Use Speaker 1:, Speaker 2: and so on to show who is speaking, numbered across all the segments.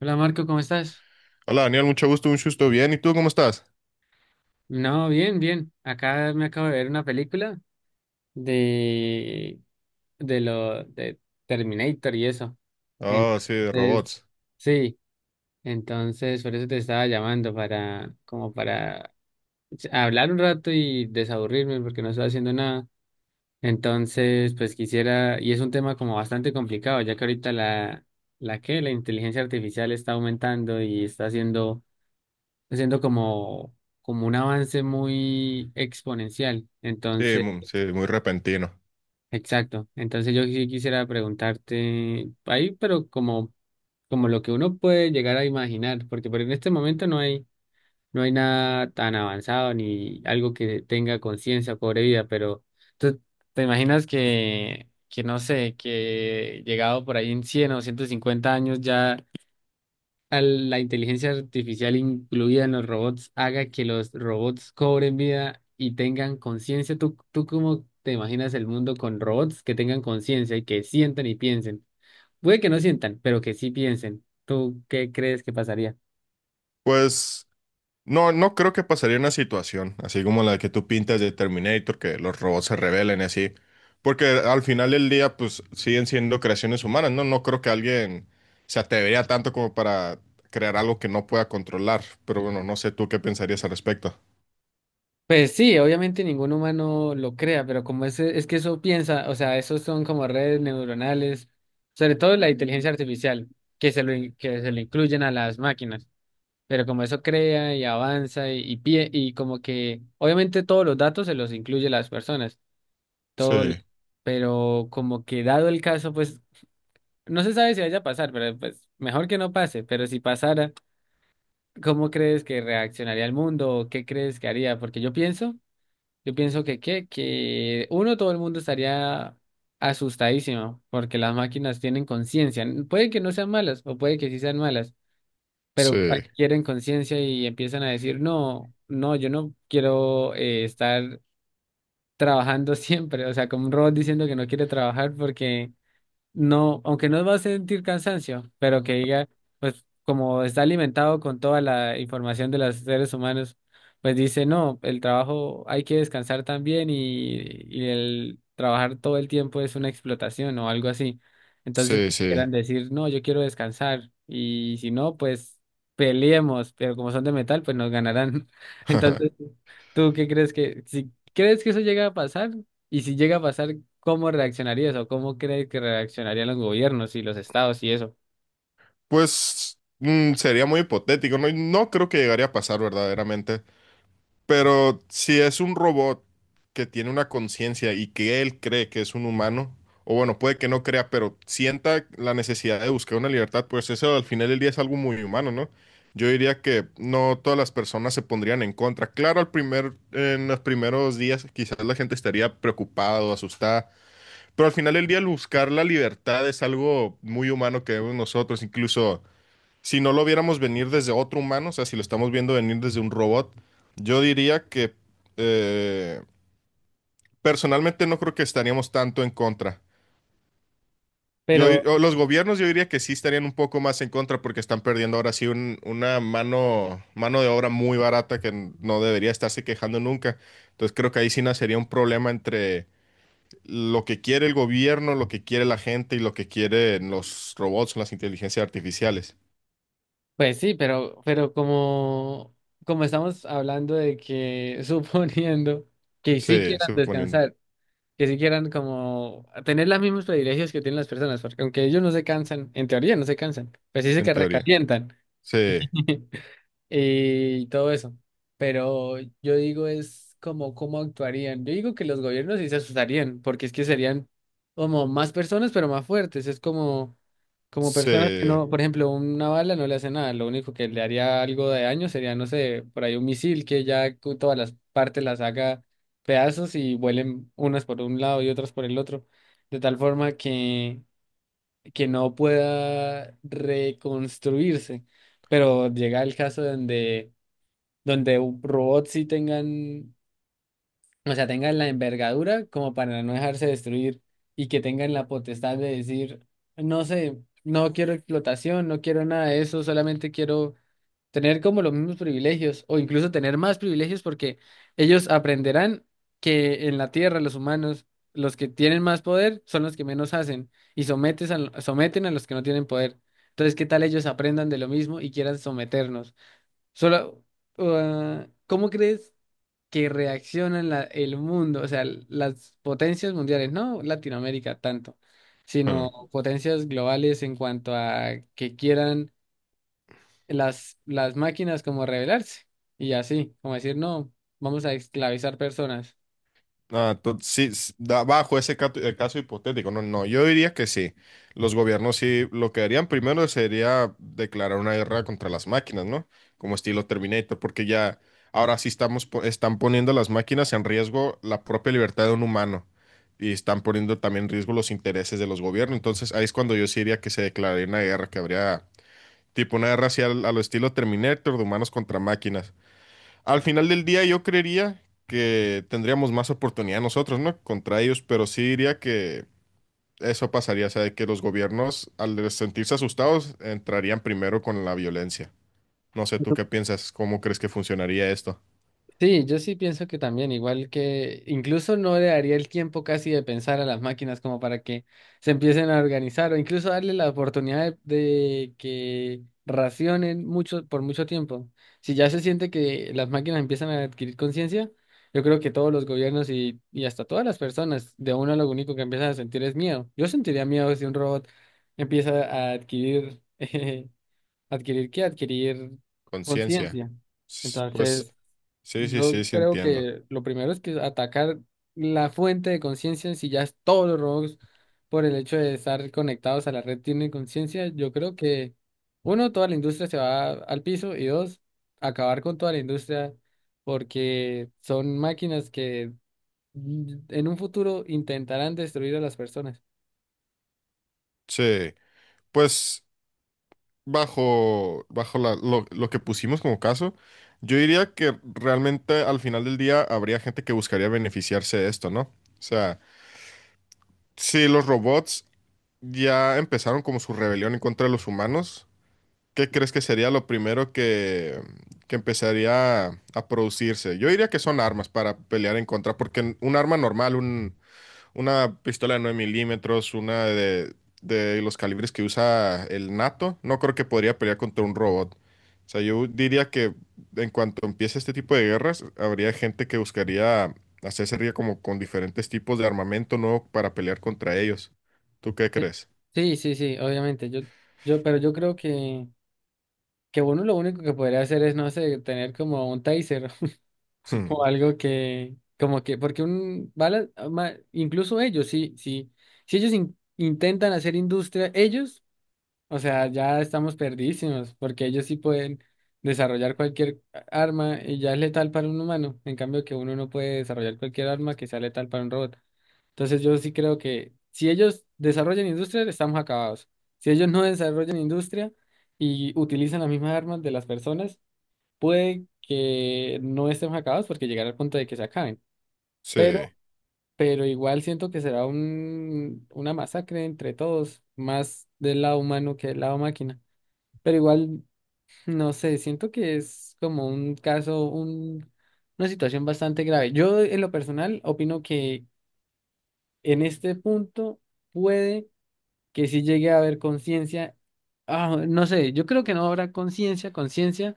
Speaker 1: Hola Marco, ¿cómo estás?
Speaker 2: Hola Daniel, mucho gusto, un gusto, bien. ¿Y tú cómo estás?
Speaker 1: No, bien, bien. Acá me acabo de ver una película de, de lo de Terminator y eso.
Speaker 2: Ah, sí,
Speaker 1: Entonces,
Speaker 2: robots.
Speaker 1: sí, entonces por eso te estaba llamando para como para hablar un rato y desaburrirme porque no estoy haciendo nada. Entonces, pues quisiera, y es un tema como bastante complicado, ya que ahorita la inteligencia artificial está aumentando y está haciendo, lo siento, como un avance muy exponencial.
Speaker 2: Sí, sí, muy repentino.
Speaker 1: Exacto. Entonces yo sí quisiera preguntarte ahí, pero como lo que uno puede llegar a imaginar, porque por en este momento no hay nada tan avanzado ni algo que tenga conciencia o cobre vida, pero tú te imaginas que no sé, que llegado por ahí en 100 o 150 años ya a la inteligencia artificial incluida en los robots haga que los robots cobren vida y tengan conciencia. ¿Tú cómo te imaginas el mundo con robots que tengan conciencia y que sientan y piensen? Puede que no sientan, pero que sí piensen. ¿Tú qué crees que pasaría?
Speaker 2: Pues no, no creo que pasaría una situación así como la que tú pintas de Terminator, que los robots se rebelen y así. Porque al final del día, pues siguen siendo creaciones humanas, ¿no? No creo que alguien se atrevería tanto como para crear algo que no pueda controlar. Pero bueno, no sé tú qué pensarías al respecto.
Speaker 1: Pues sí, obviamente ningún humano lo crea, pero como es que eso piensa, o sea, esos son como redes neuronales, sobre todo la inteligencia artificial, que se lo incluyen a las máquinas. Pero como eso crea y avanza y como que, obviamente todos los datos se los incluye las personas,
Speaker 2: Sí,
Speaker 1: todo. Pero como que dado el caso, pues no se sabe si vaya a pasar, pero pues mejor que no pase, pero si pasara, ¿cómo crees que reaccionaría el mundo? ¿O qué crees que haría? Porque yo pienso que, ¿qué? Que uno, todo el mundo estaría asustadísimo, porque las máquinas tienen conciencia, puede que no sean malas o puede que sí sean malas,
Speaker 2: sí,
Speaker 1: pero adquieren conciencia y empiezan a decir, no, no, yo no quiero, estar trabajando siempre, o sea, como un robot diciendo que no quiere trabajar porque no, aunque no va a sentir cansancio, pero que diga, pues como está alimentado con toda la información de los seres humanos, pues dice, no, el trabajo hay que descansar también, y el trabajar todo el tiempo es una explotación o algo así. Entonces
Speaker 2: sí, sí.
Speaker 1: quieran decir, no, yo quiero descansar y si no, pues peleemos, pero como son de metal, pues nos ganarán. Entonces, ¿tú qué crees si crees que eso llega a pasar? Y si llega a pasar, ¿cómo reaccionarías o cómo crees que reaccionarían los gobiernos y los estados y eso?
Speaker 2: Pues sería muy hipotético, no, no creo que llegaría a pasar verdaderamente, pero si es un robot que tiene una conciencia y que él cree que es un humano, o bueno, puede que no crea, pero sienta la necesidad de buscar una libertad, pues eso al final del día es algo muy humano, ¿no? Yo diría que no todas las personas se pondrían en contra. Claro, en los primeros días quizás la gente estaría preocupada o asustada, pero al final del día el buscar la libertad es algo muy humano que vemos nosotros, incluso si no lo viéramos venir desde otro humano, o sea, si lo estamos viendo venir desde un robot, yo diría que eh, personalmente no creo que estaríamos tanto en contra.
Speaker 1: Pero,
Speaker 2: O los gobiernos yo diría que sí estarían un poco más en contra porque están perdiendo ahora sí una mano de obra muy barata que no debería estarse quejando nunca. Entonces creo que ahí sí nacería un problema entre lo que quiere el gobierno, lo que quiere la gente y lo que quieren los robots o las inteligencias artificiales.
Speaker 1: pues sí, pero como estamos hablando de que, suponiendo que sí
Speaker 2: Sí,
Speaker 1: quieran
Speaker 2: suponiendo,
Speaker 1: descansar, que sí quieran como tener los mismos privilegios que tienen las personas, porque aunque ellos no se cansan, en teoría no se cansan, pues sí se
Speaker 2: en
Speaker 1: que
Speaker 2: teoría.
Speaker 1: recalientan,
Speaker 2: Sí.
Speaker 1: y todo eso. Pero yo digo es como cómo actuarían. Yo digo que los gobiernos sí se asustarían, porque es que serían como más personas, pero más fuertes. Es como personas que
Speaker 2: Sí.
Speaker 1: no, por ejemplo, una bala no le hace nada. Lo único que le haría algo de daño sería, no sé, por ahí un misil que ya con todas las partes las haga pedazos y vuelen unas por un lado y otras por el otro. De tal forma que no pueda reconstruirse. Pero llega el caso donde robots sí tengan, o sea, tengan la envergadura como para no dejarse destruir y que tengan la potestad de decir, no sé, no quiero explotación, no quiero nada de eso, solamente quiero tener como los mismos privilegios o incluso tener más privilegios porque ellos aprenderán que en la Tierra los humanos, los que tienen más poder son los que menos hacen y someten a los que no tienen poder. Entonces, ¿qué tal ellos aprendan de lo mismo y quieran someternos? Solo, ¿Cómo crees que reaccionan el mundo, o sea, las potencias mundiales, no Latinoamérica tanto,
Speaker 2: Hmm.
Speaker 1: sino potencias globales en cuanto a que quieran las máquinas como rebelarse y así, como decir, no, vamos a esclavizar personas?
Speaker 2: Ah, sí, bajo ese caso, hipotético, no, no, yo diría que sí. Los gobiernos sí, lo que harían primero sería declarar una guerra contra las máquinas, ¿no? Como estilo Terminator, porque ya ahora sí están poniendo las máquinas en riesgo la propia libertad de un humano y están poniendo también en riesgo los intereses de los gobiernos. Entonces ahí es cuando yo sí diría que se declararía una guerra, que habría tipo una guerra así a lo estilo Terminator de humanos contra máquinas. Al final del día yo creería que tendríamos más oportunidad nosotros, ¿no? Contra ellos, pero sí diría que eso pasaría, o sea, de que los gobiernos al sentirse asustados entrarían primero con la violencia. No sé, ¿tú qué piensas? ¿Cómo crees que funcionaría esto?
Speaker 1: Sí, yo sí pienso que también, igual que incluso no le daría el tiempo casi de pensar a las máquinas como para que se empiecen a organizar o incluso darle la oportunidad de que racionen mucho por mucho tiempo. Si ya se siente que las máquinas empiezan a adquirir conciencia, yo creo que todos los gobiernos y hasta todas las personas, de uno lo único que empiezan a sentir es miedo. Yo sentiría miedo si un robot empieza a adquirir adquirir qué, adquirir
Speaker 2: Conciencia.
Speaker 1: conciencia.
Speaker 2: Pues
Speaker 1: Entonces,
Speaker 2: sí, sí,
Speaker 1: yo
Speaker 2: sí, sí
Speaker 1: creo
Speaker 2: entiendo.
Speaker 1: que lo primero es que atacar la fuente de conciencia, si ya es todos los robots por el hecho de estar conectados a la red tienen conciencia, yo creo que uno, toda la industria se va al piso y dos, acabar con toda la industria porque son máquinas que, en un futuro intentarán destruir a las personas.
Speaker 2: Sí, pues bajo lo que pusimos como caso, yo diría que realmente al final del día habría gente que buscaría beneficiarse de esto, ¿no? O sea, si los robots ya empezaron como su rebelión en contra de los humanos, ¿qué crees que sería lo primero que empezaría a producirse? Yo diría que son armas para pelear en contra, porque un arma normal, una pistola de 9 mm, una de los calibres que usa el NATO, no creo que podría pelear contra un robot. O sea, yo diría que en cuanto empiece este tipo de guerras, habría gente que buscaría hacerse ría como con diferentes tipos de armamento nuevo para pelear contra ellos. ¿Tú qué
Speaker 1: Eh,
Speaker 2: crees?
Speaker 1: Sí, sí, sí, obviamente. Pero yo creo que uno lo único que podría hacer es, no sé, tener como un taser
Speaker 2: Hmm,
Speaker 1: o algo que, como que, porque un bala, incluso ellos, sí, sí, si ellos intentan hacer industria, ellos, o sea, ya estamos perdidísimos, porque ellos sí pueden desarrollar cualquier arma y ya es letal para un humano, en cambio que uno no puede desarrollar cualquier arma que sea letal para un robot. Entonces yo sí creo que si ellos desarrollan industria, estamos acabados. Si ellos no desarrollan industria, y utilizan las mismas armas de las personas, puede que no estemos acabados porque llegará al punto de que se acaben,
Speaker 2: sí,
Speaker 1: pero, pero igual siento que será una masacre entre todos, más del lado humano que del lado máquina. Pero igual, no sé, siento que es como un caso, una situación bastante grave. Yo en lo personal opino que en este punto puede que sí llegue a haber conciencia. Ah, no sé, yo creo que no habrá conciencia, conciencia,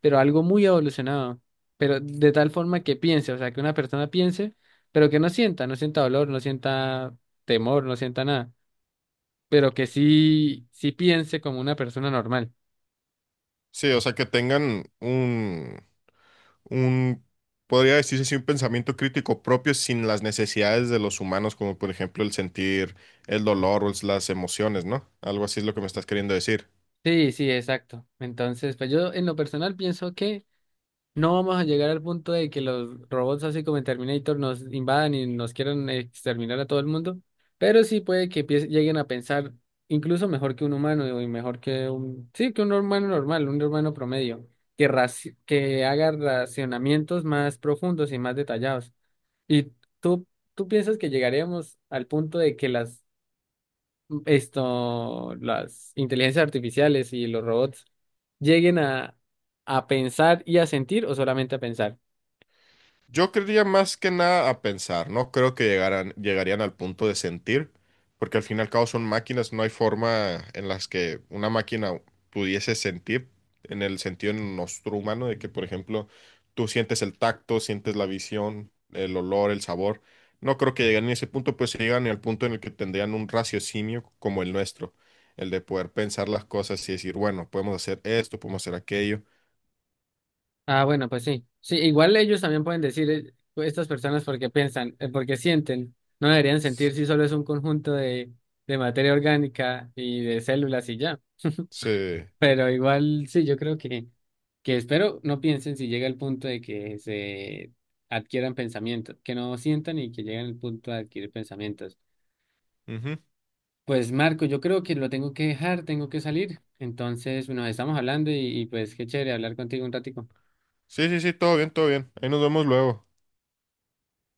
Speaker 1: pero algo muy evolucionado, pero de tal forma que piense, o sea, que una persona piense, pero que no sienta, no sienta dolor, no sienta temor, no sienta nada, pero que sí, sí piense como una persona normal.
Speaker 2: sí, o sea, que tengan un, un, podría decirse así, un pensamiento crítico propio sin las necesidades de los humanos, como por ejemplo el sentir el dolor o las emociones, ¿no? Algo así es lo que me estás queriendo decir.
Speaker 1: Sí, sí, exacto. Entonces, pues yo en lo personal pienso que no vamos a llegar al punto de que los robots así como en Terminator nos invadan y nos quieran exterminar a todo el mundo, pero sí puede que lleguen a pensar incluso mejor que un humano y mejor que un, sí, que un humano normal, un humano promedio, que, que haga racionamientos más profundos y más detallados. ¿Y tú, tú piensas que llegaremos al punto de que las inteligencias artificiales y los robots lleguen a pensar y a sentir o solamente a pensar?
Speaker 2: Yo creería más que nada a pensar, no creo que llegarían al punto de sentir, porque al fin y al cabo son máquinas, no hay forma en las que una máquina pudiese sentir en el sentido nuestro humano, de que, por ejemplo, tú sientes el tacto, sientes la visión, el olor, el sabor. No creo que lleguen a ese punto, pues se llegan al punto en el que tendrían un raciocinio como el nuestro, el de poder pensar las cosas y decir, bueno, podemos hacer esto, podemos hacer aquello.
Speaker 1: Ah, bueno, pues sí. Sí, igual ellos también pueden decir, pues, estas personas porque piensan, porque sienten. No deberían sentir si solo es un conjunto de materia orgánica y de células y ya.
Speaker 2: Se.
Speaker 1: Pero igual sí, yo creo que espero no piensen si llega el punto de que se adquieran pensamientos, que no sientan y que lleguen al punto de adquirir pensamientos.
Speaker 2: Ujú.
Speaker 1: Pues Marco, yo creo que lo tengo que dejar, tengo que salir. Entonces, bueno, estamos hablando y pues qué chévere hablar contigo un ratico.
Speaker 2: Sí, sí, sí, todo bien, todo bien. Ahí nos vemos luego.